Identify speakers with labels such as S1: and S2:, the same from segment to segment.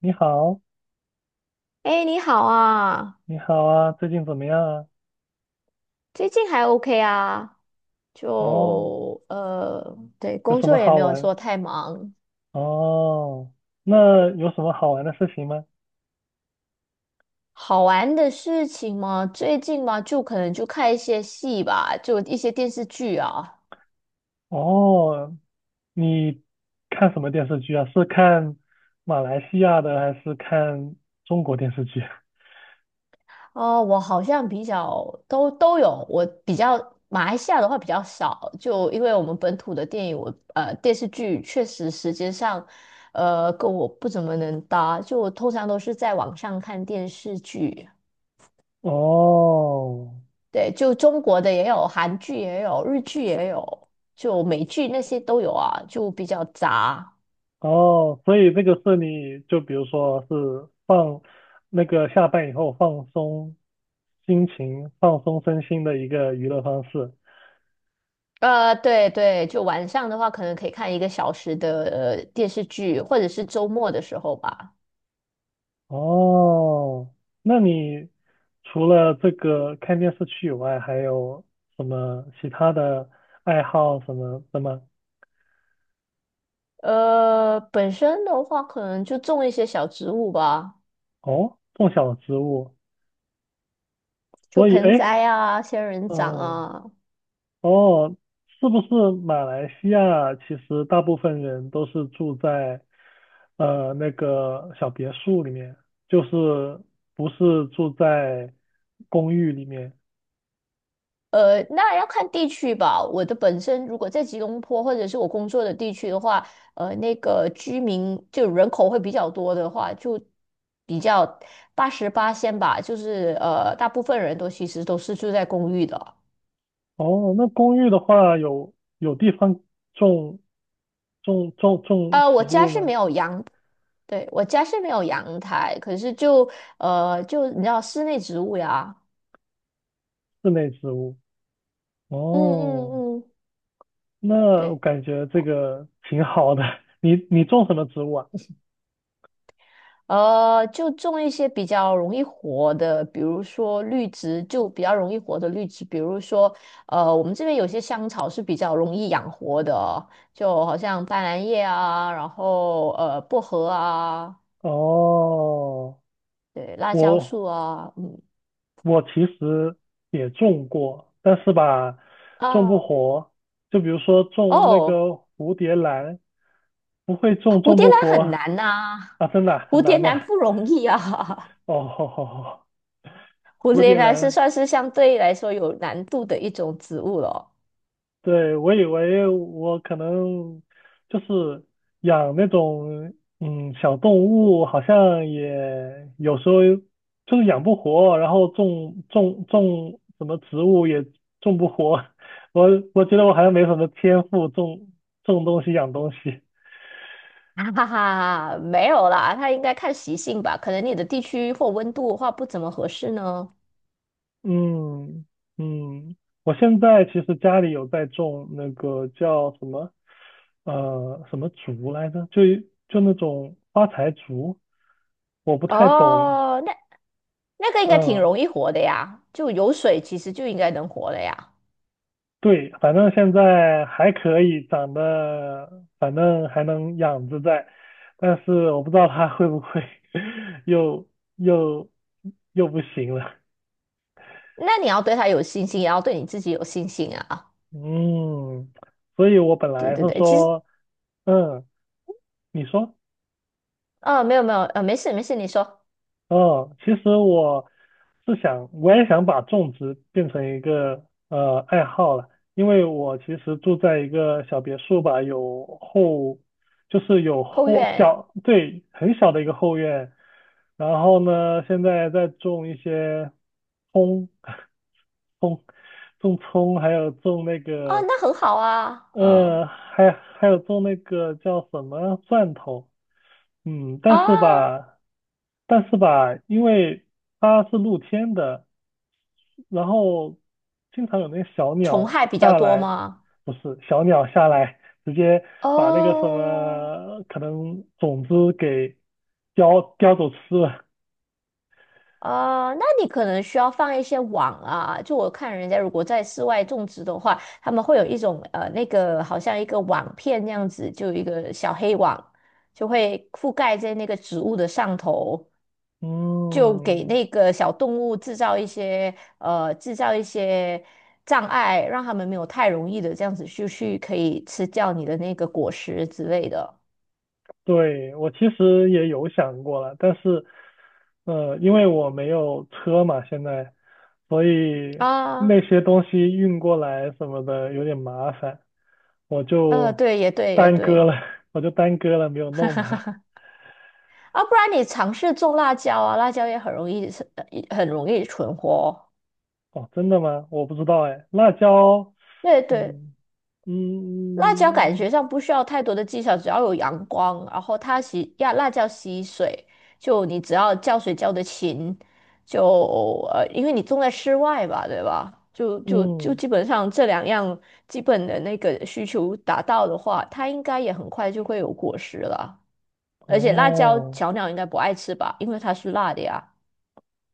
S1: 你好，
S2: 哎，你好啊，
S1: 你好啊，最近怎么样啊？
S2: 最近还 OK 啊。
S1: 哦，
S2: 就对，
S1: 有
S2: 工
S1: 什
S2: 作
S1: 么
S2: 也
S1: 好
S2: 没有
S1: 玩？
S2: 说太忙。
S1: 哦，那有什么好玩的事情吗？
S2: 好玩的事情嘛，最近嘛，就可能就看一些戏吧，就一些电视剧啊。
S1: 哦，你看什么电视剧啊？是看马来西亚的还是看中国电视剧？
S2: 哦，我好像比较都有，我比较马来西亚的话比较少，就因为我们本土的电影，电视剧确实时间上，跟我不怎么能搭，就我通常都是在网上看电视剧。
S1: 哦，
S2: 对，就中国的也有，韩剧也有，日剧也有，就美剧那些都有啊，就比较杂。
S1: 哦，所以这个是你就比如说是放那个下班以后放松心情、放松身心的一个娱乐方式。
S2: 对对，就晚上的话，可能可以看一个小时的电视剧，或者是周末的时候吧。
S1: 哦，那你除了这个看电视剧以外，还有什么其他的爱好什么的吗？
S2: 本身的话，可能就种一些小植物吧，
S1: 哦，种小植物，
S2: 就
S1: 所以哎，
S2: 盆
S1: 诶
S2: 栽啊、仙人掌
S1: 哦
S2: 啊。
S1: 哦，是不是马来西亚其实大部分人都是住在那个小别墅里面，就是不是住在公寓里面？
S2: 那要看地区吧。我的本身如果在吉隆坡或者是我工作的地区的话，那个居民就人口会比较多的话，就比较八十八仙吧，就是大部分人都其实都是住在公寓的。
S1: 哦，那公寓的话有地方种。种种
S2: 我
S1: 植
S2: 家
S1: 物
S2: 是没
S1: 吗？
S2: 有阳，对，我家是没有阳台，可是就你知道室内植物呀，
S1: 室内植物。
S2: 嗯
S1: 哦，
S2: 嗯嗯，
S1: 那我
S2: 对。
S1: 感觉这个挺好的。你种什么植物啊？
S2: 就种一些比较容易活的，比如说绿植，就比较容易活的绿植，比如说，我们这边有些香草是比较容易养活的哦，就好像斑斓叶啊，然后薄荷啊，
S1: 哦，
S2: 对，辣椒
S1: 我
S2: 树啊，嗯
S1: 我其实也种过，但是吧，种不
S2: 啊
S1: 活。就比如说种那个
S2: 哦，
S1: 蝴蝶兰，不会种，
S2: 蝴
S1: 种
S2: 蝶
S1: 不
S2: 兰很
S1: 活
S2: 难呐、
S1: 啊，真的啊
S2: 蝴
S1: 很
S2: 蝶
S1: 难的。
S2: 兰不容易啊，
S1: 哦，
S2: 蝴
S1: 蝴
S2: 蝶
S1: 蝶
S2: 兰是
S1: 兰
S2: 算是相对来说有难度的一种植物了。
S1: 对，我以为我可能就是养那种小动物，好像也有时候就是养不活，然后种什么植物也种不活。我觉得我好像没什么天赋，种种东西养东西。
S2: 哈哈哈，没有啦，它应该看习性吧，可能你的地区或温度的话不怎么合适呢。
S1: 嗯嗯，我现在其实家里有在种那个叫什么什么竹来着，就那种发财竹。我不太懂，
S2: 哦，那个应该挺
S1: 嗯，
S2: 容易活的呀，就有水其实就应该能活了呀。
S1: 对，反正现在还可以，长得反正还能养着在，但是我不知道它会不会 又又又不行了，
S2: 那你要对它有信心，也要对你自己有信心啊。
S1: 嗯，所以我本来
S2: 对对
S1: 是
S2: 对，其实
S1: 说，嗯，你说。
S2: 没有没有没事没事，你说
S1: 哦，其实我是想，我也想把种植变成一个爱好了，因为我其实住在一个小别墅吧，有后，就是有
S2: 后
S1: 后
S2: 院
S1: 小，对，很小的一个后院，然后呢，现在在种一些葱，葱，种葱，还有种那
S2: 啊，
S1: 个，
S2: 那很好啊，嗯
S1: 还有种那个叫什么蒜头。嗯，但是
S2: 啊，
S1: 吧，但是吧，因为它是露天的，然后经常有那个小
S2: 虫
S1: 鸟
S2: 害比较
S1: 下
S2: 多
S1: 来，
S2: 吗？
S1: 不是小鸟下来，直接把那个什
S2: 哦。
S1: 么可能种子给叼走吃了。
S2: 啊，那你可能需要放一些网啊。就我看人家如果在室外种植的话，他们会有一种那个好像一个网片那样子，就有一个小黑网，就会覆盖在那个植物的上头，就给
S1: 嗯，
S2: 那个小动物制造一些障碍，让他们没有太容易的这样子就去可以吃掉你的那个果实之类的
S1: 对，我其实也有想过了，但是，因为我没有车嘛，现在，所以
S2: 啊。
S1: 那些东西运过来什么的有点麻烦。我就
S2: 对，也对，也
S1: 耽搁
S2: 对。
S1: 了，我就耽搁了，没有弄它。
S2: 啊，不然你尝试种辣椒啊，辣椒也很容易是，很容易存活哦。
S1: 哦，真的吗？我不知道哎。辣椒，
S2: 对对，
S1: 嗯
S2: 辣椒感
S1: 嗯
S2: 觉上不需要太多的技巧，只要有阳光，然后它吸呀，辣椒吸水，就你只要浇水浇得勤，就因为你种在室外吧，对吧？就
S1: 嗯，
S2: 基本上这两样基本的那个需求达到的话，它应该也很快就会有果实了。而且辣椒
S1: 哦
S2: 小鸟应该不爱吃吧，因为它是辣的呀。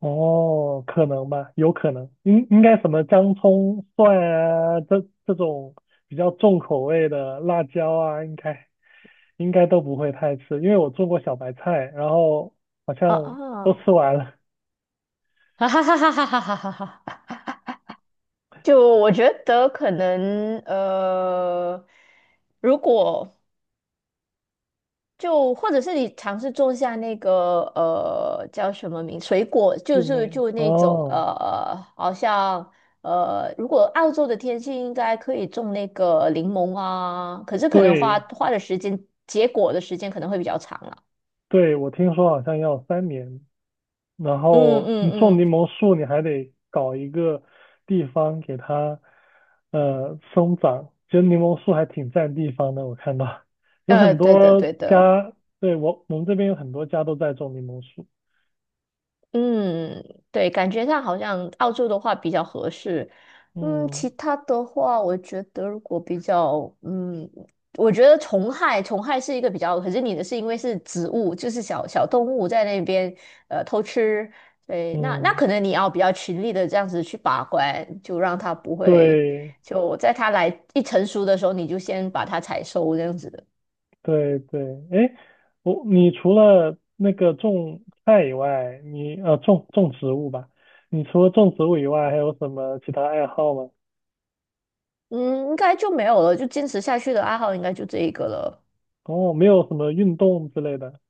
S1: 哦，可能吧，有可能。应该什么姜、葱、蒜啊，这种比较重口味的辣椒啊，应该都不会太吃，因为我做过小白菜，然后好
S2: 啊
S1: 像都
S2: 啊。
S1: 吃完了。
S2: 哈哈哈哈哈哈哈哈哈！就我觉得可能如果就或者是你尝试种下那个叫什么名水果，
S1: 室
S2: 就是
S1: 内
S2: 就那种
S1: 哦，
S2: 好像如果澳洲的天气应该可以种那个柠檬啊，可是可能花
S1: 对，
S2: 花的时间结果的时间可能会比较长了。
S1: 对，我听说好像要3年，然
S2: 嗯
S1: 后你
S2: 嗯
S1: 种
S2: 嗯，
S1: 柠檬树，你还得搞一个地方给它生长。其实柠檬树还挺占地方的，我看到有很
S2: 对的
S1: 多
S2: 对的。
S1: 家，对，我们这边有很多家都在种柠檬树。
S2: 嗯，对，感觉上好像澳洲的话比较合适。嗯，
S1: 嗯
S2: 其他的话，我觉得如果比较，嗯，我觉得虫害是一个比较，可是你的是因为是植物，就是小小动物在那边偷吃，对，那
S1: 嗯，
S2: 可能你要比较勤力的这样子去把关，就让它不会，
S1: 对
S2: 就在它来一成熟的时候，你就先把它采收这样子的。
S1: 对对，哎，你除了那个种菜以外，你种种植物吧，你除了种植物以外，还有什么其他爱好吗？
S2: 嗯，应该就没有了，就坚持下去的爱好应该就这一个了。
S1: 哦，没有什么运动之类的。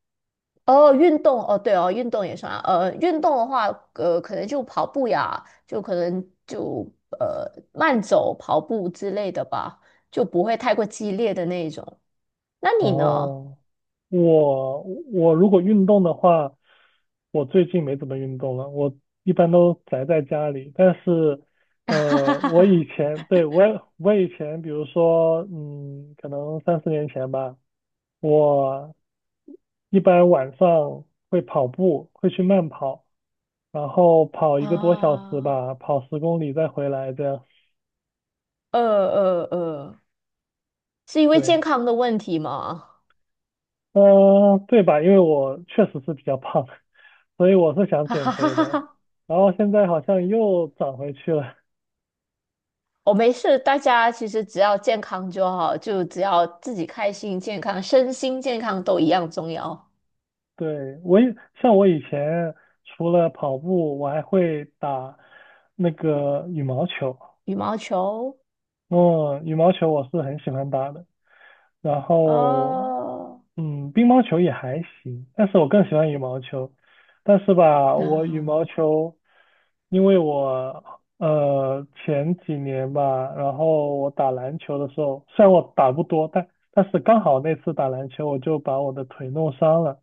S2: 哦，运动哦，对哦，运动也算啊。运动的话，可能就跑步呀，就可能就慢走、跑步之类的吧，就不会太过激烈的那一种。那你呢？
S1: 哦，我我如果运动的话，我最近没怎么运动了，我一般都宅在家里。但是，我以 前，对，我以前，比如说，嗯，可能3、4年前吧，我一般晚上会跑步，会去慢跑，然后跑一个多小时
S2: 啊，
S1: 吧，跑10公里再回来这样。
S2: 呃呃呃，是因为健
S1: 对，
S2: 康的问题吗？
S1: 对吧？因为我确实是比较胖。所以我是 想
S2: 哈
S1: 减
S2: 哈哈
S1: 肥
S2: 哈
S1: 的，
S2: 哈，
S1: 然后现在好像又长回去了。
S2: 没事，大家其实只要健康就好，就只要自己开心、健康、身心健康都一样重要。
S1: 对，我也，像我以前除了跑步，我还会打那个羽毛球。
S2: 羽毛球，
S1: 嗯，羽毛球我是很喜欢打的。然后，
S2: 哦。
S1: 嗯，乒乓球也还行，但是我更喜欢羽毛球。但是吧，
S2: 啊
S1: 我羽毛球，因为我前几年吧，然后我打篮球的时候，虽然我打不多，但是刚好那次打篮球，我就把我的腿弄伤了，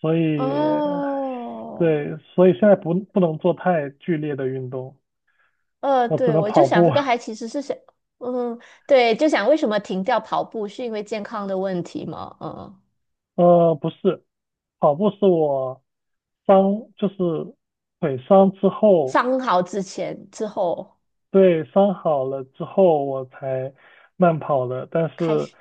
S1: 所以
S2: 哦，
S1: 对，所以现在不能做太剧烈的运动，我只
S2: 对，
S1: 能
S2: 我就
S1: 跑
S2: 想
S1: 步。
S2: 这个 还其实是想，嗯，对，就想为什么停掉跑步是因为健康的问题吗？嗯，
S1: 不是，跑步是我伤，就是腿伤之后，
S2: 伤好之后
S1: 对，伤好了之后我才慢跑的。但
S2: 开
S1: 是，
S2: 始，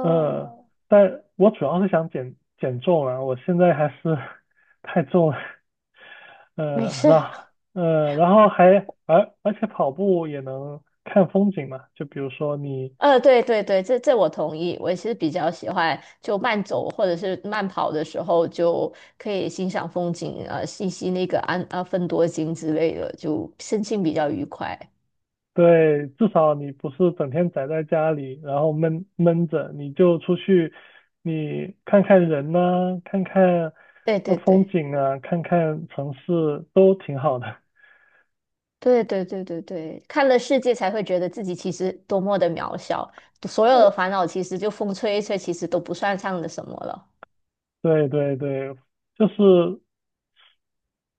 S1: 呃，但我主要是想减减重啊，我现在还是 太重了，
S2: 没
S1: 呃，
S2: 事，
S1: 然后然后还而且跑步也能看风景嘛，就比如说你
S2: 对对对，这我同意，我也是比较喜欢就慢走或者是慢跑的时候就可以欣赏风景，吸吸那个安啊芬多精之类的，就身心比较愉快。
S1: 对，至少你不是整天宅在家里，然后闷闷着，你就出去，你看看人呐、看看
S2: 对对
S1: 风
S2: 对。
S1: 景啊，看看城市，都挺好的。
S2: 对对对对对，看了世界才会觉得自己其实多么的渺小，所有的烦恼其实就风吹一吹，其实都不算上的什么了。
S1: 对对对，就是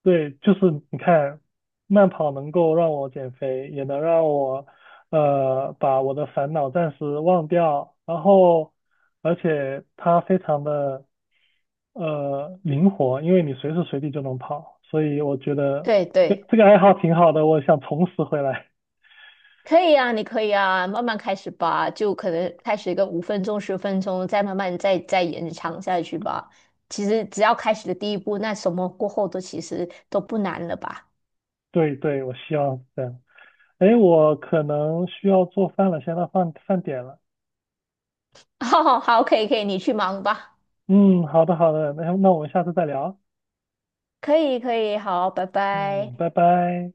S1: 对，就是你看，慢跑能够让我减肥，也能让我把我的烦恼暂时忘掉，然后而且它非常的灵活，因为你随时随地就能跑，所以我觉得
S2: 对
S1: 这个
S2: 对，
S1: 这个爱好挺好的，我想重拾回来。
S2: 可以啊，你可以啊，慢慢开始吧，就可能开始一个5分钟、10分钟，再慢慢再再延长下去吧。其实只要开始的第一步，那什么过后都其实都不难了吧？
S1: 对对，我希望是这样。哎，我可能需要做饭了，现在到饭点了。
S2: 好好，可以可以，你去忙吧。
S1: 嗯，好的好的，那我们下次再聊。
S2: 可以可以，好，拜拜。
S1: 嗯，拜拜。